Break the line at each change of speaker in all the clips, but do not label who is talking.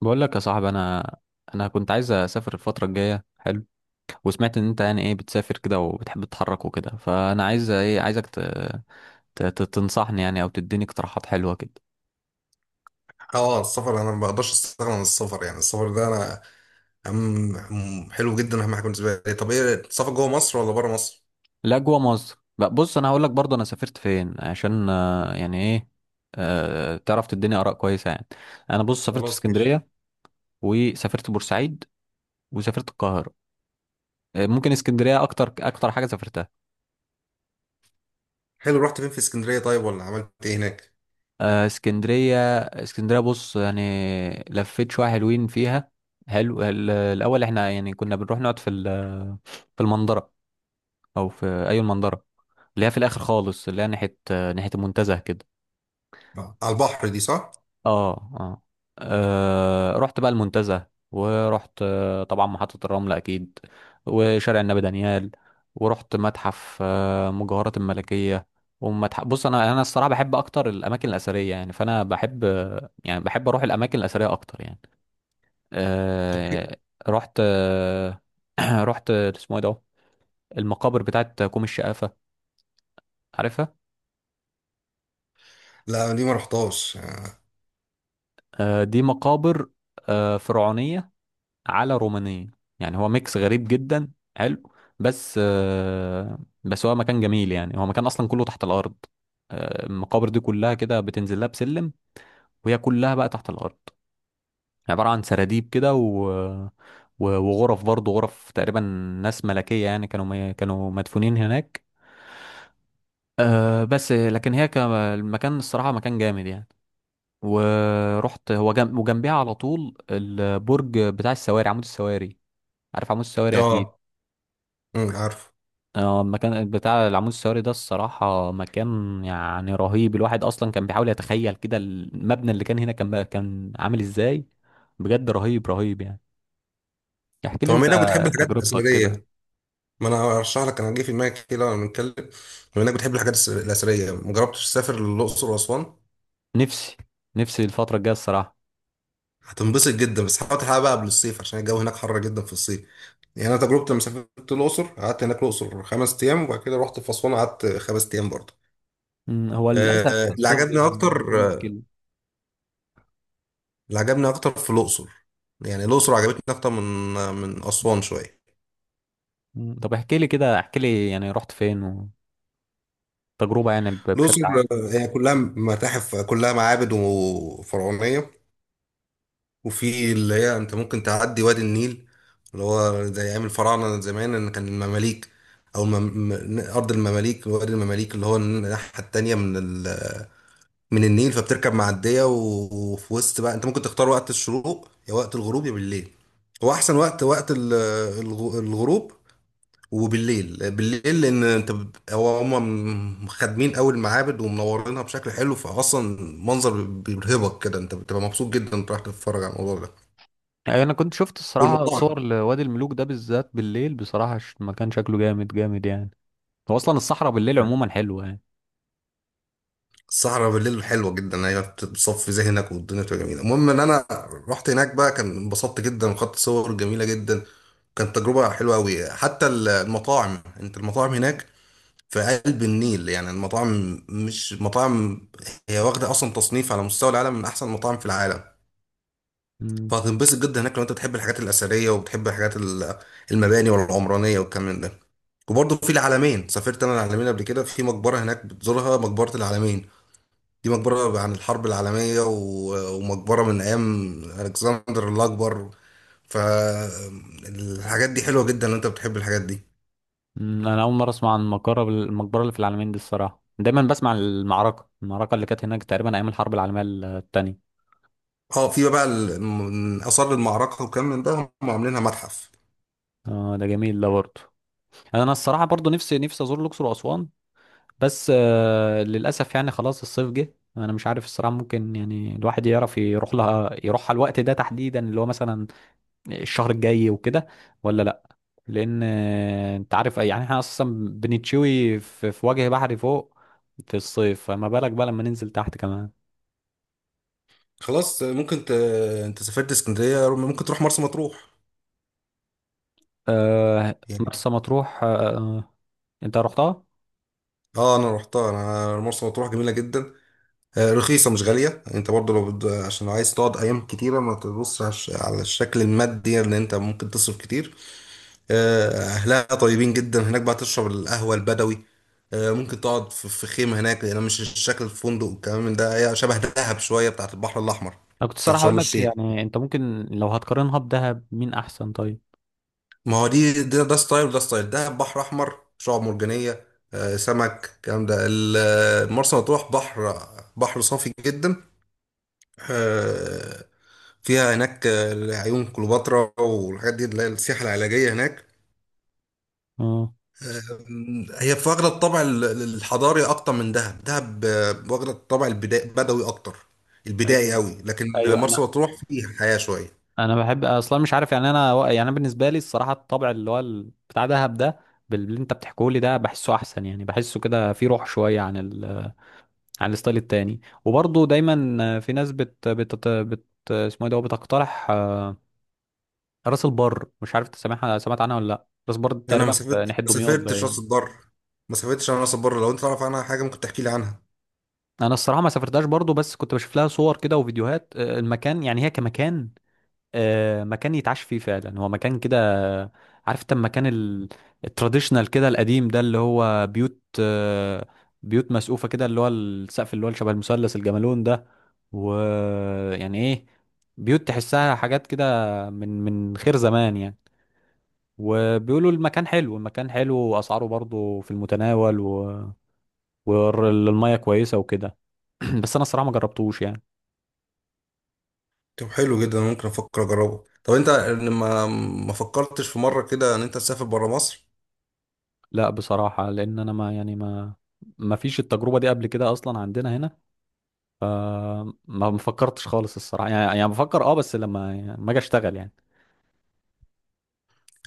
بقول لك يا صاحبي، انا كنت عايز اسافر الفتره الجايه. حلو. وسمعت ان انت يعني ايه بتسافر كده وبتحب تتحرك وكده، فانا عايز ايه، عايزك تنصحني يعني، او تديني اقتراحات حلوه كده.
السفر انا ما بقدرش استغنى عن السفر، يعني السفر ده انا حلو جدا، اهم حاجه بالنسبه لي. طب ايه، السفر جوه مصر ولا بره مصر؟
لا، جوه مصر بقى. بص، انا هقول لك برضه انا سافرت فين عشان يعني ايه، تعرف تديني اراء كويسه يعني. انا بص سافرت في
خلاص ماشي.
اسكندريه، وسافرت بورسعيد، وسافرت القاهره. ممكن اسكندريه اكتر اكتر حاجه سافرتها.
حلو، رحت فين في اسكندريه طيب، ولا عملت ايه هناك؟
اسكندرية اسكندرية، بص يعني، لفيت شوية حلوين فيها. حلو. الأول احنا يعني كنا بنروح نقعد في المنظرة، أو في أي المنظرة، اللي هي في الآخر خالص، اللي هي ناحية ناحية المنتزه كده.
آه، على البحر دي، صح؟
اه، اه. رحت بقى المنتزه، ورحت طبعا محطة الرمل اكيد، وشارع النبي دانيال، ورحت متحف مجوهرات الملكية، ومتحف. بص، انا الصراحة بحب اكتر الاماكن الاثرية يعني، فانا بحب يعني بحب اروح الاماكن الاثرية اكتر يعني.
طب حلو.
آه، رحت آه، رحت اسمه ايه ده، المقابر بتاعت كوم الشقافة، عارفها؟
لا دي ما رحتهاش، اه.
دي مقابر فرعونية على رومانية، يعني هو ميكس غريب جدا. حلو. بس هو مكان جميل، يعني هو مكان اصلا كله تحت الارض. المقابر دي كلها كده بتنزل لها بسلم، وهي كلها بقى تحت الارض، عبارة عن سراديب كده، و... و- وغرف برضه، غرف تقريبا. ناس ملكية يعني، كانوا مدفونين هناك. أه، بس لكن هي المكان الصراحة مكان جامد يعني. ورحت هو جنب وجنبيها على طول البرج بتاع السواري، عمود السواري. عارف عمود السواري اكيد.
آه، أمم، عارف.
اه، المكان بتاع العمود السياري ده الصراحة مكان يعني رهيب. الواحد أصلا كان بيحاول يتخيل كده المبنى اللي كان هنا كان عامل ازاي. بجد رهيب رهيب يعني. احكي لي
طب
انت
بما انك بتحب الحاجات
تجربتك كده.
الاثريه، ما انا ارشح لك، انا جه في دماغي كده وانا بنتكلم، بما انك بتحب الحاجات الاثريه، ما جربتش تسافر للاقصر واسوان؟
نفسي نفسي الفترة الجاية الصراحة.
هتنبسط جدا، بس حاول تلحقها بقى قبل الصيف عشان الجو هناك حر جدا في الصيف. يعني انا تجربتي لما سافرت الاقصر، قعدت هناك الاقصر 5 ايام، وبعد كده رحت في اسوان قعدت 5 ايام برضه.
هو للأسف
اللي
الصيف
عجبني
دي
اكتر،
المشكلة.
اللي عجبني اكتر في الاقصر، يعني الاقصر عجبتني اكتر من من اسوان شويه.
طب احكي لي كده، احكي لي يعني رحت فين، وتجربة يعني بشكل
الاقصر
عام.
هي كلها متاحف، كلها معابد وفرعونيه. وفي اللي هي انت ممكن تعدي وادي النيل، اللي هو زي ايام الفراعنه زمان، ان كان المماليك او ارض المماليك، وادي المماليك، اللي هو الناحيه التانيه من من النيل. فبتركب معديه وفي وسط بقى انت ممكن تختار وقت الشروق يا وقت الغروب يا بالليل. هو احسن وقت وقت الغروب وبالليل. لان انت هو هم خادمين قوي المعابد ومنورينها بشكل حلو، فاصلا منظر بيرهبك كده، انت بتبقى مبسوط جدا انت رايح تتفرج على الموضوع ده
يعني أنا كنت شفت الصراحة
والمطاعم.
صور لوادي الملوك ده بالذات بالليل، بصراحة المكان شكله جامد جامد يعني. هو أصلا الصحراء بالليل عموما حلوة يعني.
الصحراء بالليل حلوه جدا، هي بتصفي ذهنك والدنيا بتبقى جميله. المهم ان انا رحت هناك بقى، كان انبسطت جدا وخدت صور جميله جدا، كانت تجربه حلوه قوي. حتى المطاعم، انت المطاعم هناك في قلب النيل، يعني المطاعم مش مطاعم، هي واخده اصلا تصنيف على مستوى العالم من احسن المطاعم في العالم.
مم.
فهتنبسط جدا هناك لو انت بتحب الحاجات الاثريه وبتحب الحاجات المباني والعمرانيه والكلام من ده. وبرضه في العلمين، سافرت انا العلمين قبل كده، في مقبره هناك بتزورها، مقبره العلمين، دي مقبرة عن الحرب العالمية ومقبرة من أيام ألكسندر الأكبر. فالحاجات دي حلوة جدا لو أنت بتحب الحاجات دي.
مم. انا اول مره اسمع عن المقبره اللي في العلمين دي. الصراحه دايما بسمع عن المعركه اللي كانت هناك تقريبا ايام الحرب العالميه الثانيه.
اه في بقى من آثار المعركة وكم من ده، هم عاملينها متحف.
اه، ده جميل ده برضه. يعني انا الصراحه برضه نفسي نفسي ازور الاقصر واسوان. بس للاسف يعني، خلاص الصيف جه، انا مش عارف الصراحه ممكن يعني الواحد يعرف يروح لها، يروحها الوقت ده تحديدا اللي هو مثلا الشهر الجاي وكده، ولا لا؟ لان انت عارف يعني احنا اصلا بنتشوي في وجه بحري فوق في الصيف، فما بالك بقى لما ننزل تحت كمان.
خلاص ممكن أنت سافرت اسكندرية، ممكن تروح مرسى مطروح.
آه،
يعني
مرسى مطروح، آه. انت رحتها؟
اه أنا روحتها، أنا مرسى مطروح جميلة جدا. آه، رخيصة مش غالية. أنت برضو لو عشان لو عايز تقعد أيام كتيرة ما تبصش على على الشكل المادي لأن أنت ممكن تصرف كتير. آه، أهلها طيبين جدا، هناك بقى تشرب القهوة البدوي. آه، ممكن تقعد في خيمة هناك، لأن مش الشكل الفندق والكلام من ده، هي شبه دهب شوية، بتاعت البحر الأحمر
انا كنت
بتاعت
الصراحه اقول
شرم
لك
الشيخ.
يعني انت ممكن لو هتقارنها بدهب، مين احسن طيب؟
ما هو دي ده ستايل وده ستايل، دهب بحر أحمر شعاب مرجانية، آه، سمك الكلام ده مرسى مطروح بحر، بحر صافي جدا. آه، فيها هناك آه، عيون كليوباترا والحاجات دي اللي هي السياحة العلاجية هناك.
اه.
أم، هي في واخدة الطابع الحضاري أكتر من دهب. دهب آه، واخدة الطابع البدوي أكتر، البدائي
ايوه،
أوي، لكن
ايوه،
مرسى
انا
مطروح فيها حياة شوية.
انا بحب اصلا. مش عارف يعني انا، يعني أنا بالنسبه لي الصراحه الطبع اللي هو بتاع دهب ده، باللي انت بتحكيه لي ده، بحسه احسن يعني، بحسه كده فيه روح شويه عن عن الستايل التاني. وبرضه دايما في ناس بت بت بت اسمه ايه ده، بتقترح راس البر. مش عارف انت سامعها، سمعت عنها ولا لا. راس البر دي
أنا ما
تقريبا في
سافرت،
ناحيه
ما
دمياط
سافرتش
باين.
راس البر، ما سافرتش أنا راس البر. لو أنت تعرف عنها حاجة، ممكن تحكي لي عنها.
انا الصراحه ما سافرتهاش برضو، بس كنت بشوف لها صور كده وفيديوهات، المكان يعني هي كمكان، مكان يتعاش فيه فعلا، هو مكان كده. آه، عارف انت المكان التراديشنال كده، القديم ده، اللي هو بيوت مسقوفه كده، اللي هو السقف اللي هو شبه المثلث الجملون ده، ويعني ايه، بيوت تحسها حاجات كده من خير زمان يعني. وبيقولوا المكان حلو، المكان حلو، واسعاره برضو في المتناول، والميه كويسه وكده. بس انا الصراحه ما جربتوش يعني.
طب حلو جدا، ممكن أفكر أجربه. طب أنت ما ما فكرتش في مرة كده إن أنت تسافر برا مصر؟
لا بصراحة، لأن أنا ما يعني ما فيش التجربة دي قبل كده أصلا عندنا هنا. ما فكرتش خالص الصراحة يعني بفكر، بس لما ما أجي أشتغل يعني.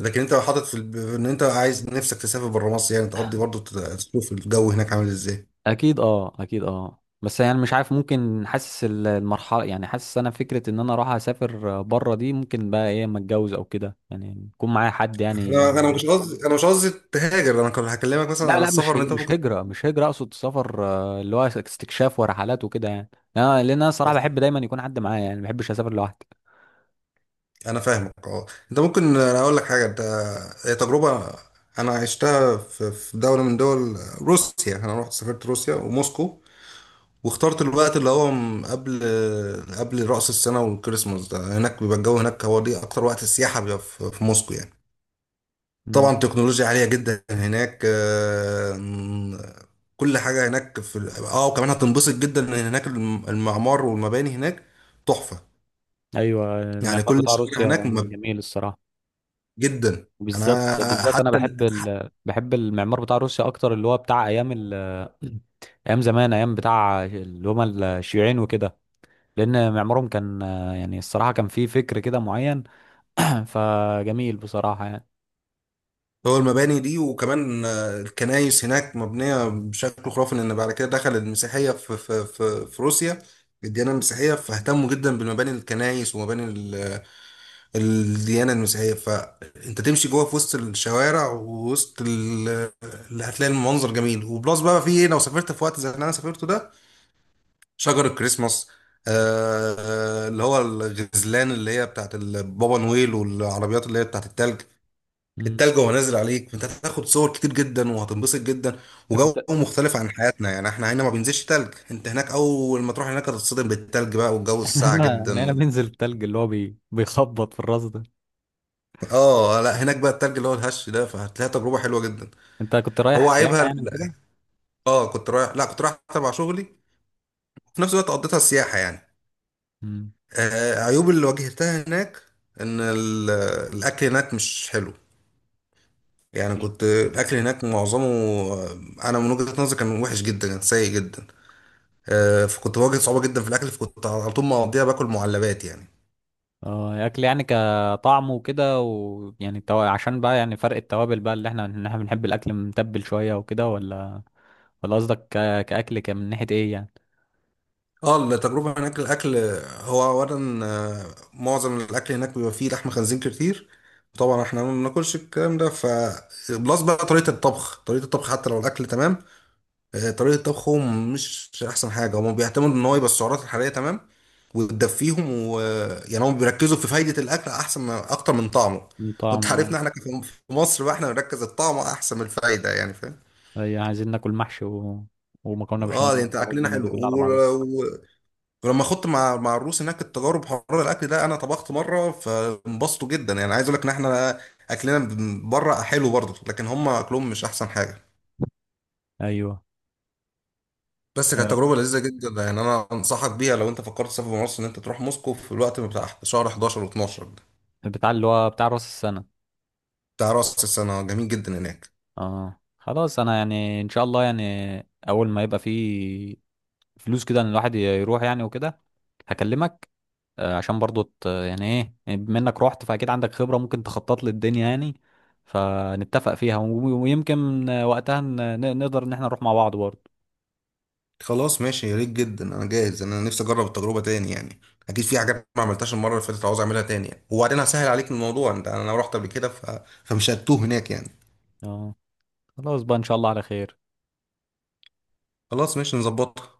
لكن أنت حاطط في إن أنت عايز نفسك تسافر برا مصر، يعني تقضي برضه، تشوف الجو هناك عامل إزاي.
أكيد، أه، أكيد، أه، بس يعني مش عارف، ممكن حاسس المرحلة يعني، حاسس أنا فكرة إن أنا أروح أسافر بره دي ممكن بقى إيه أما أتجوز أو كده، يعني يكون معايا حد يعني.
انا مش قصدي، انا مش قصدي تهاجر، انا كنت هكلمك مثلا
لا،
عن
لا،
السفر ان انت
مش
ممكن،
هجرة مش هجرة أقصد سفر، اللي هو استكشاف ورحلات وكده يعني. لأن أنا صراحة
بس
بحب دايما يكون حد معايا يعني، ما بحبش أسافر لوحدي.
انا فاهمك. اه انت ممكن، انا اقول لك حاجه، انت هي تجربه انا عشتها في دوله من دول، روسيا. انا رحت سافرت روسيا وموسكو، واخترت الوقت اللي هو قبل رأس السنه والكريسماس ده. هناك بيبقى الجو هناك، هو دي اكتر وقت السياحه، بيبقى في موسكو يعني. طبعا تكنولوجيا عالية جدا هناك. آم، كل حاجة هناك في اه، وكمان هتنبسط جدا ان هناك المعمار والمباني هناك تحفة،
ايوه،
يعني
المعمار
كل
بتاع
الشوارع
روسيا
هناك
جميل الصراحه.
جدا.
بالذات
انا
بالذات انا
حتى
بحب بحب المعمار بتاع روسيا اكتر، اللي هو بتاع ايام ايام زمان، ايام بتاع اللي هم الشيوعيين وكده. لان معمارهم كان يعني الصراحه كان فيه فكر كده معين. فجميل بصراحه يعني.
هو المباني دي، وكمان آه، الكنائس هناك مبنية بشكل خرافي، لان بعد كده دخل المسيحية في في روسيا، الديانة المسيحية، فاهتموا جدا بالمباني، الكنائس ومباني ال الديانة المسيحية. فانت تمشي جوه في وسط الشوارع ووسط اللي هتلاقي المنظر جميل. وبلس بقى في ايه، لو سافرت في وقت زي اللي انا سافرته ده، شجر الكريسماس، اللي هو الغزلان اللي هي بتاعت البابا نويل، والعربيات اللي هي بتاعت التلج.
مم.
التلج وهو نازل عليك، انت هتاخد صور كتير جدا وهتنبسط جدا،
انت
وجو
كنت
مختلف عن حياتنا. يعني احنا هنا ما بينزلش تلج، انت هناك اول ما تروح هناك هتتصدم بالتلج بقى والجو
احنا
الساقع
هنا احنا هنا
جدا.
بننزل التلج اللي هو بيخبط في الراس ده.
اه لا، هناك بقى التلج اللي هو الهش ده، فهتلاقيها تجربه حلوه جدا.
انت كنت
هو
رايح
عيبها
سياحه يعني وكده؟
اه كنت رايح، لا كنت رايح تبع شغلي، في نفس الوقت قضيتها سياحه يعني.
مم.
آه، عيوب اللي واجهتها هناك، ان الاكل هناك مش حلو. يعني كنت الاكل هناك معظمه، آه، انا من وجهه نظري كان وحش جدا، كان سيء جدا. آه، فكنت بواجه صعوبه جدا في الاكل، فكنت على طول مقضيها باكل معلبات يعني.
اه، اكل يعني كطعم وكده، ويعني عشان بقى يعني فرق التوابل بقى، اللي احنا ان احنا بنحب الاكل متبل شويه وكده، ولا قصدك كاكل كان من ناحيه ايه يعني؟
اه التجربة هناك الأكل، هو أولا آه، معظم الأكل هناك بيبقى فيه لحم خنزير كتير، طبعا احنا ما بناكلش الكلام ده. ف بلس بقى طريقة الطبخ، طريقة الطبخ حتى لو الأكل تمام، آه، طريقة طبخهم مش أحسن حاجة. هما بيعتمدوا إن هو يبقى السعرات الحرارية تمام وتدفيهم، و آه، يعني هم بيركزوا في فايدة الأكل أحسن من أكتر من طعمه.
من
وأنت
طعم،
عارفنا
اه.
احنا في مصر بقى، احنا بنركز الطعم أحسن من الفايدة، يعني فاهم.
ايوه، عايزين ناكل محشي و... ومكرونه
اه
بشاميل
يعني انت،
وبتاع،
اكلنا
والدنيا دي
حلو،
كلها على بعضها.
ولما خدت مع الروس هناك التجارب حوار الاكل ده، انا طبخت مره فانبسطوا جدا. يعني عايز اقول لك ان احنا اكلنا من بره حلو برضه، لكن هم اكلهم مش احسن حاجه.
ايوه.
بس كانت
آه.
تجربه لذيذه جدا يعني، انا انصحك بيها لو انت فكرت تسافر من مصر، ان انت تروح موسكو في الوقت بتاع شهر 11 و12 ده،
بتاع اللي هو بتاع راس السنه.
بتاع راس السنه. جميل جدا هناك.
اه خلاص، انا يعني ان شاء الله يعني اول ما يبقى فيه فلوس كده ان الواحد يروح يعني وكده، هكلمك. عشان برضو يعني ايه يعني، بما انك رحت فاكيد عندك خبرة ممكن تخطط لي الدنيا يعني، فنتفق فيها ويمكن وقتها نقدر ان احنا نروح مع بعض برضو.
خلاص ماشي، يا ريت جدا، انا جاهز، انا نفسي اجرب التجربه تاني يعني، اكيد في حاجات ما عملتهاش المره اللي فاتت عاوز اعملها تاني يعني. وبعدين هسهل عليك الموضوع، انت انا رحت قبل كده، فمش هتوه هناك يعني.
اه خلاص بقى، ان شاء الله على خير.
خلاص ماشي، نظبطها.